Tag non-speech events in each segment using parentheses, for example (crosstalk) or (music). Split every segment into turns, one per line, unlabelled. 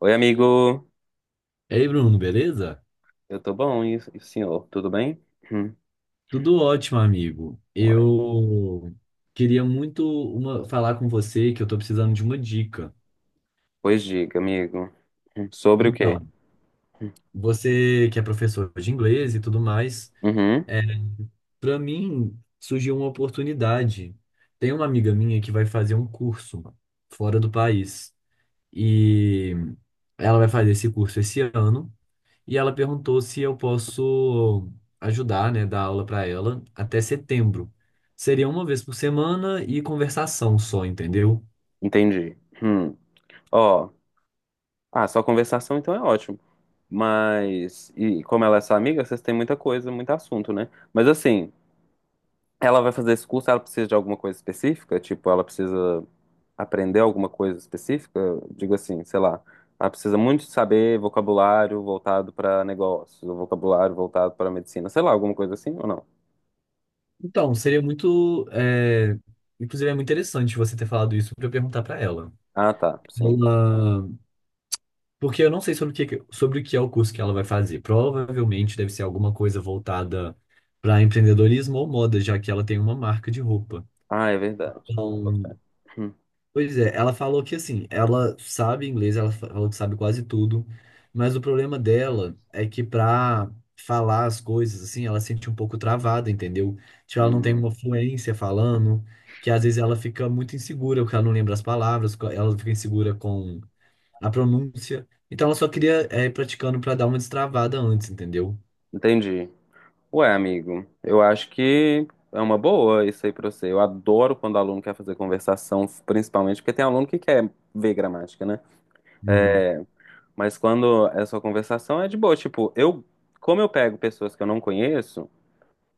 Oi, amigo.
Ei, Bruno, beleza?
Eu tô bom, e o senhor? Tudo bem? Hum.
Tudo ótimo, amigo.
Ué.
Eu queria muito falar com você que eu tô precisando de uma dica.
Pois diga, amigo. Hum. Sobre o quê?
Então,
Hum.
você que é professor de inglês e tudo mais,
Uhum,
é, para mim surgiu uma oportunidade. Tem uma amiga minha que vai fazer um curso fora do país e ela vai fazer esse curso esse ano. E ela perguntou se eu posso ajudar, né, dar aula para ela até setembro. Seria uma vez por semana e conversação só, entendeu?
entendi. Hum. Ó, ah, só conversação então é ótimo. Mas, e como ela é sua amiga, vocês têm muita coisa, muito assunto, né? Mas assim, ela vai fazer esse curso, ela precisa de alguma coisa específica? Tipo, ela precisa aprender alguma coisa específica? Digo assim, sei lá, ela precisa muito saber vocabulário voltado para negócios, ou vocabulário voltado para medicina, sei lá, alguma coisa assim ou não?
Então, seria muito, inclusive é muito interessante você ter falado isso para eu perguntar para ela.
Ah, tá, sim.
Ela, porque eu não sei sobre o que é o curso que ela vai fazer. Provavelmente deve ser alguma coisa voltada para empreendedorismo ou moda, já que ela tem uma marca de roupa.
Ah, é verdade. Boto fé. Hum,
Pois é, ela falou que assim, ela sabe inglês, falou que sabe quase tudo, mas o problema dela é que pra falar as coisas, assim, ela se sente um pouco travada, entendeu? Tipo, ela não tem uma
hum,
fluência falando, que às vezes ela fica muito insegura, porque ela não lembra as palavras, ela fica insegura com a pronúncia. Então ela só queria ir praticando pra dar uma destravada antes, entendeu?
entendi. Ué, amigo, eu acho que é uma boa isso aí pra você. Eu adoro quando o aluno quer fazer conversação, principalmente porque tem aluno que quer ver gramática, né?
Uhum.
Mas quando é só conversação, é de boa. Tipo, eu, como eu pego pessoas que eu não conheço,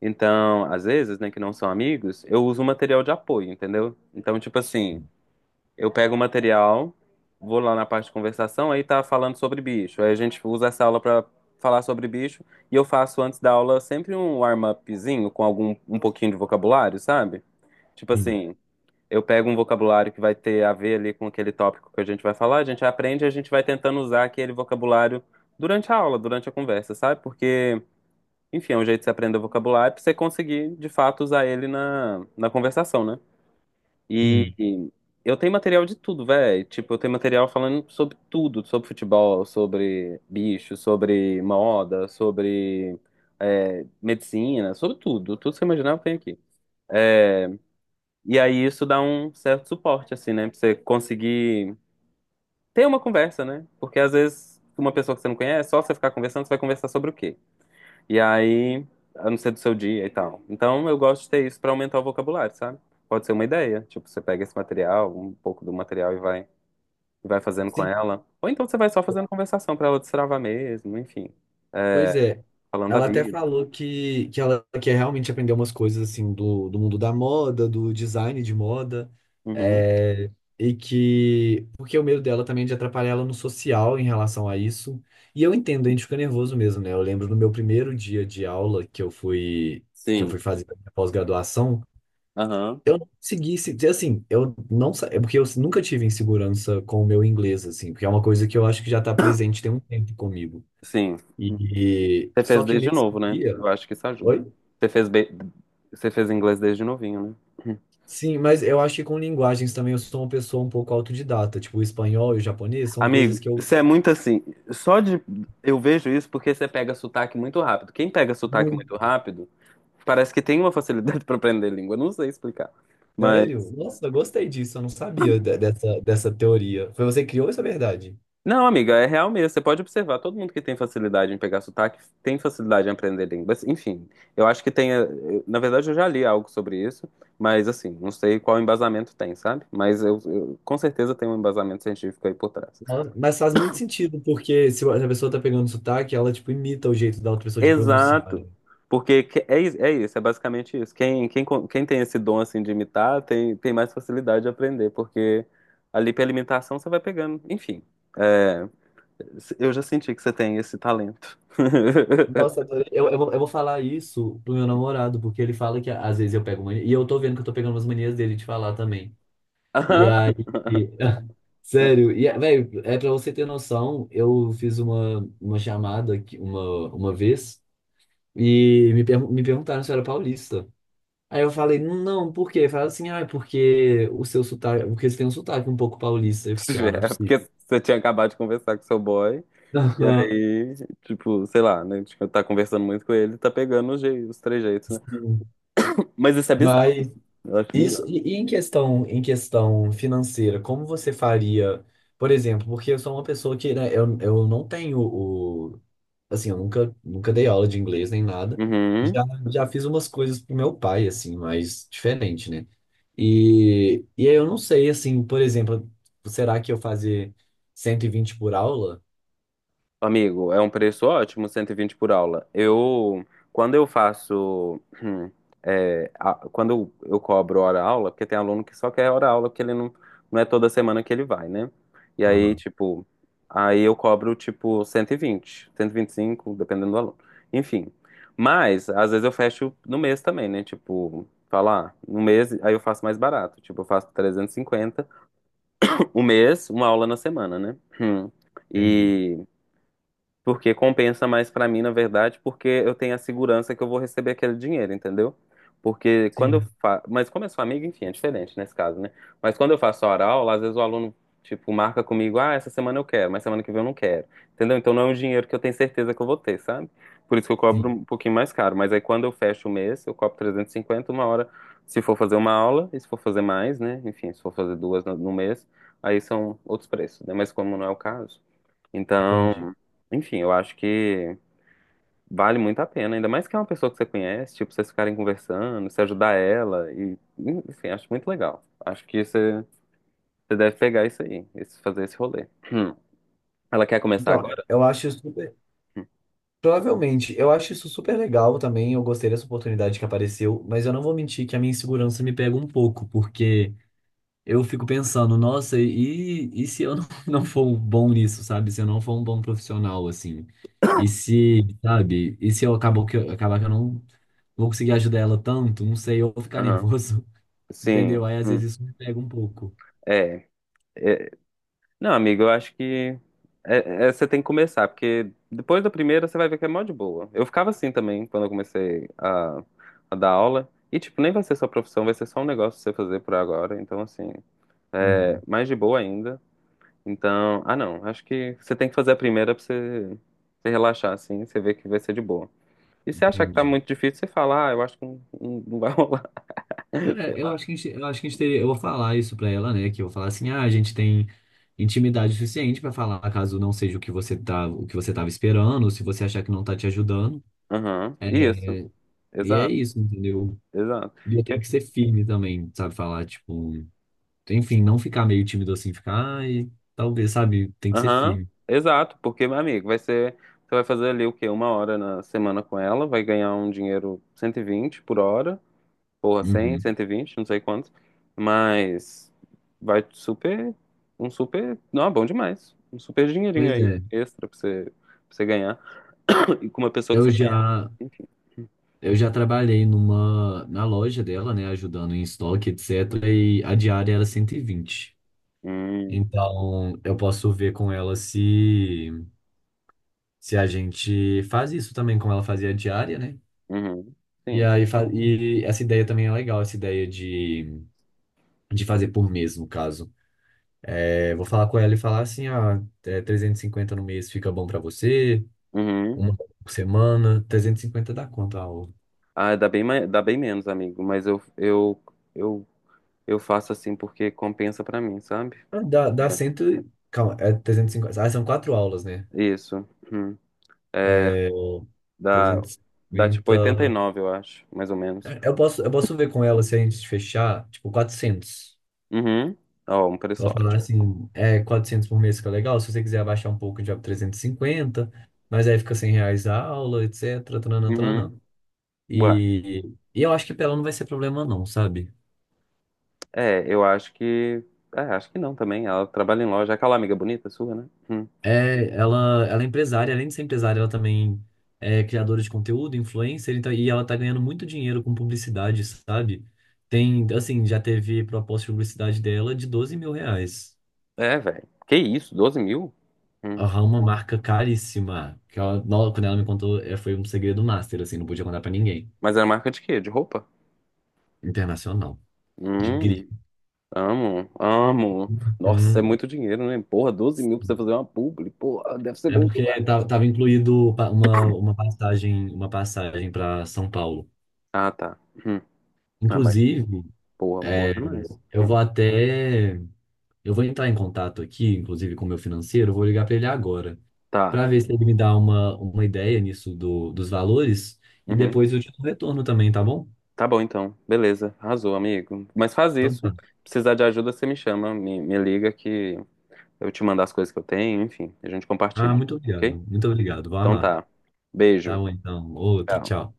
então, às vezes, né, que não são amigos, eu uso material de apoio, entendeu? Então, tipo assim, eu pego o material, vou lá na parte de conversação, aí tá falando sobre bicho. Aí a gente usa essa aula pra falar sobre bicho, e eu faço antes da aula sempre um warm-upzinho com algum um pouquinho de vocabulário, sabe? Tipo
Sim,
assim, eu pego um vocabulário que vai ter a ver ali com aquele tópico que a gente vai falar, a gente aprende e a gente vai tentando usar aquele vocabulário durante a aula, durante a conversa, sabe? Porque, enfim, é um jeito de você aprender o vocabulário pra você conseguir, de fato, usar ele na conversação, né? E
sim.
e eu tenho material de tudo, velho. Tipo, eu tenho material falando sobre tudo, sobre futebol, sobre bicho, sobre moda, sobre medicina, sobre tudo. Tudo que você imaginar eu tenho aqui. É, e aí isso dá um certo suporte, assim, né? Pra você conseguir ter uma conversa, né? Porque às vezes uma pessoa que você não conhece, só você ficar conversando, você vai conversar sobre o quê? E aí, a não ser do seu dia e tal. Então eu gosto de ter isso pra aumentar o vocabulário, sabe? Pode ser uma ideia. Tipo, você pega esse material, um pouco do material e vai fazendo com
Sim,
ela. Ou então você vai só fazendo conversação pra ela destravar mesmo, enfim.
pois é.
Falando da
Ela até
vida.
falou que ela quer realmente aprender umas coisas assim do mundo da moda, do design de moda.
Uhum.
É, e que. Porque o medo dela também é de atrapalhar ela no social em relação a isso. E eu entendo, a gente fica nervoso mesmo, né? Eu lembro no meu primeiro dia de aula que eu
Sim.
fui fazer a minha pós-graduação.
Aham.
Eu não consegui, dizer assim, eu não sa- é porque eu nunca tive insegurança com o meu inglês, assim, porque é uma coisa que eu acho que já está presente tem um tempo comigo.
Sim.
E,
Você
só
fez
que
desde
nesse
novo, né?
dia,
Eu acho que isso ajuda.
oi?
Você fez, você fez inglês desde novinho, né?
Sim, mas eu acho que com linguagens também eu sou uma pessoa um pouco autodidata, tipo o espanhol e o japonês são coisas
Amigo,
que eu
você é muito assim. Só de. Eu vejo isso porque você pega sotaque muito rápido. Quem pega sotaque
muito
muito rápido, parece que tem uma facilidade (laughs) para aprender língua. Não sei explicar.
sério. Nossa, eu gostei disso, eu não sabia dessa teoria. Foi você que criou essa verdade?
Não, amiga, é real mesmo. Você pode observar, todo mundo que tem facilidade em pegar sotaque tem facilidade em aprender línguas. Enfim, eu acho que tem. Na verdade, eu já li algo sobre isso, mas assim, não sei qual embasamento tem, sabe? Mas eu, com certeza tem um embasamento científico aí por trás.
Ah, mas faz muito sentido, porque se a pessoa tá pegando sotaque, ela tipo imita o jeito da outra pessoa de pronunciar, né?
Exato. Porque é, é isso, é basicamente isso. Quem tem esse dom assim de imitar tem mais facilidade de aprender, porque ali pela imitação você vai pegando. Enfim, é, eu já senti que você tem esse talento.
Nossa,
(laughs)
adorei. Eu vou falar isso pro meu namorado, porque ele fala que às vezes eu pego mania, e eu tô vendo que eu tô pegando umas manias dele de falar também. E aí,
(laughs)
(laughs) sério, velho, é pra você ter noção, eu fiz uma chamada aqui uma vez e me perguntaram se eu era paulista. Aí eu falei, não, por quê? Falaram assim, ah, é porque o seu sotaque, porque eles têm um sotaque um pouco paulista. Eu fiquei, ah,
(laughs)
não é
É
possível.
porque você tinha acabado de conversar com seu boy,
(laughs)
e
Aham,
aí, tipo, sei lá, né? Tipo, tá conversando muito com ele, tá pegando os jeitos, os trejeitos, né?
sim.
Mas isso é bizarro,
Mas
eu acho
isso,
bizarro.
em questão financeira, como você faria, por exemplo, porque eu sou uma pessoa que, né, eu não tenho assim, eu nunca, nunca dei aula de inglês nem nada.
Uhum.
Já, já fiz umas coisas pro meu pai, assim, mais diferente, né? E aí eu não sei, assim, por exemplo, será que eu fazer 120 por aula?
Amigo, é um preço ótimo, 120 por aula. Eu, quando eu faço, é, quando eu cobro hora-aula, porque tem aluno que só quer hora-aula, porque ele não, não é toda semana que ele vai, né? E aí,
Aham,
tipo, aí eu cobro, tipo, cento e vinte 125 dependendo do aluno. Enfim, mas, às vezes eu fecho no mês também, né? Tipo, falar, no mês, aí eu faço mais barato. Tipo, eu faço 350 o mês, uma aula na semana, né? Hum.
entendi.
E... Porque compensa mais pra mim, na verdade, porque eu tenho a segurança que eu vou receber aquele dinheiro, entendeu? Porque quando eu
Sim,
faço. Mas como é sou amigo, enfim, é diferente nesse caso, né? Mas quando eu faço a aula, às vezes o aluno, tipo, marca comigo, ah, essa semana eu quero, mas semana que vem eu não quero. Entendeu? Então não é um dinheiro que eu tenho certeza que eu vou ter, sabe? Por isso que eu cobro
sim,
um pouquinho mais caro. Mas aí quando eu fecho o mês, eu cobro 350 uma hora, se for fazer uma aula, e se for fazer mais, né? Enfim, se for fazer duas no mês, aí são outros preços, né? Mas como não é o caso. Então,
entendi.
enfim, eu acho que vale muito a pena, ainda mais que é uma pessoa que você conhece, tipo, vocês ficarem conversando, você ajudar ela, e, enfim, acho muito legal. Acho que você deve pegar isso aí, esse, fazer esse rolê. Hum. Ela quer começar
Então,
agora?
eu acho super. Provavelmente, eu acho isso super legal também. Eu gostei dessa oportunidade que apareceu, mas eu não vou mentir que a minha insegurança me pega um pouco, porque. Eu fico pensando, nossa, e se eu não, (laughs) não for bom nisso, sabe? Se eu não for um bom profissional, assim. E se, sabe? E se eu acabo que acabar que eu não vou conseguir ajudar ela tanto, não sei, eu vou ficar
Aham.
nervoso, (laughs) entendeu?
Sim.
Aí às
Hum.
vezes isso me pega um pouco.
É, é. Não, amigo, eu acho que é, é, você tem que começar, porque depois da primeira você vai ver que é mó de boa. Eu ficava assim também quando eu comecei a dar aula. E, tipo, nem vai ser sua profissão, vai ser só um negócio pra você fazer por agora. Então, assim,
Uhum,
mais de boa ainda. Então, ah não, acho que você tem que fazer a primeira pra você relaxar, assim, você ver que vai ser de boa. E se achar que tá
entendi.
muito difícil, você fala, ah, eu acho que não, não vai rolar, (laughs)
É,
sei lá.
eu acho que a gente teria, eu vou falar isso pra ela, né? Que eu vou falar assim, ah, a gente tem intimidade suficiente pra falar caso não seja o que você tava esperando, ou se você achar que não tá te ajudando.
Aham,
É,
isso,
e é
exato,
isso, entendeu?
exato.
E eu tenho
Eu-
que ser firme também, sabe? Falar, tipo, enfim, não ficar meio tímido assim, ficar, ai, talvez, sabe? Tem que ser
Aham,
firme.
exato, porque, meu amigo, vai ser, você vai fazer ali o quê? Uma hora na semana com ela, vai ganhar um dinheiro 120 por hora. Porra, 100,
Uhum.
120 não sei quanto. Mas vai super. Um super. Não, é bom demais. Um super dinheirinho
Pois
aí
é.
extra pra você ganhar. (coughs) (clears throat) E com uma pessoa que
Eu
você conhece,
já,
enfim.
na loja dela, né? Ajudando em estoque, etc. E a diária era 120.
Hum,
Então, eu posso ver com ela se, se a gente faz isso também, como ela fazia a diária, né?
uhum,
E
sim.
aí, e essa ideia também é legal, essa ideia de fazer por mês, no caso. É, vou falar com ela e falar assim, ah, 350 no mês fica bom pra você,
Uhum.
uma por semana, 350 dá quanto a aula?
Ah, dá bem, dá bem menos, amigo. Mas eu, eu faço assim porque compensa pra mim, sabe?
Ah, dá
É,
100, e- calma, é 350 ah, são quatro aulas, né?
isso. Uhum. É,
É,
dá, dá tipo
350,
89 eu acho, mais ou menos.
eu posso ver com ela se a gente fechar, tipo, 400.
Uhum. Ó, um
Eu
preço
vou falar
ótimo.
assim, 400 por mês fica legal, se você quiser abaixar um pouco, já 350, mas aí fica R$ 100 a aula, etc, tananã, tananã.
Uhum. Ué,
E, e eu acho que pra ela não vai ser problema não, sabe?
é, eu acho que. É, acho que não também. Ela trabalha em loja. É aquela amiga bonita sua, né? Hum.
É, ela é empresária, além de ser empresária, ela também é criadora de conteúdo, influencer, então, e ela tá ganhando muito dinheiro com publicidade, sabe? Tem, assim, já teve proposta de publicidade dela de R$ 12.000.
É, velho. Que isso? 12 mil? Hum.
Aham, uma marca caríssima, que ela, quando ela me contou, foi um segredo master, assim, não podia contar pra ninguém.
Mas é marca de quê? De roupa?
Internacional, de grife.
Hum, amo, amo. Nossa, é
Uhum.
muito dinheiro, né? Porra, 12 mil pra você fazer uma publi. Porra, deve ser
É
bom
porque
demais.
tava incluído uma passagem para São Paulo.
Ah, tá. Hum. Ah, mas,
Inclusive,
porra, bom
é,
demais.
eu
Hum.
vou até eu vou entrar em contato aqui, inclusive com o meu financeiro, eu vou ligar para ele agora,
Tá.
para ver se ele me dá uma ideia nisso do, dos valores e
Uhum.
depois eu te dou retorno também, tá bom?
Tá bom, então. Beleza. Arrasou, amigo. Mas faz
Então
isso.
tá.
Precisar de ajuda, você me chama, me liga que eu te mando as coisas que eu tenho, enfim, a gente
Ah,
compartilha,
muito obrigado.
ok?
Muito obrigado. Vou
Então
amar.
tá.
Tá
Beijo.
bom, então. Outro,
Tchau.
tchau.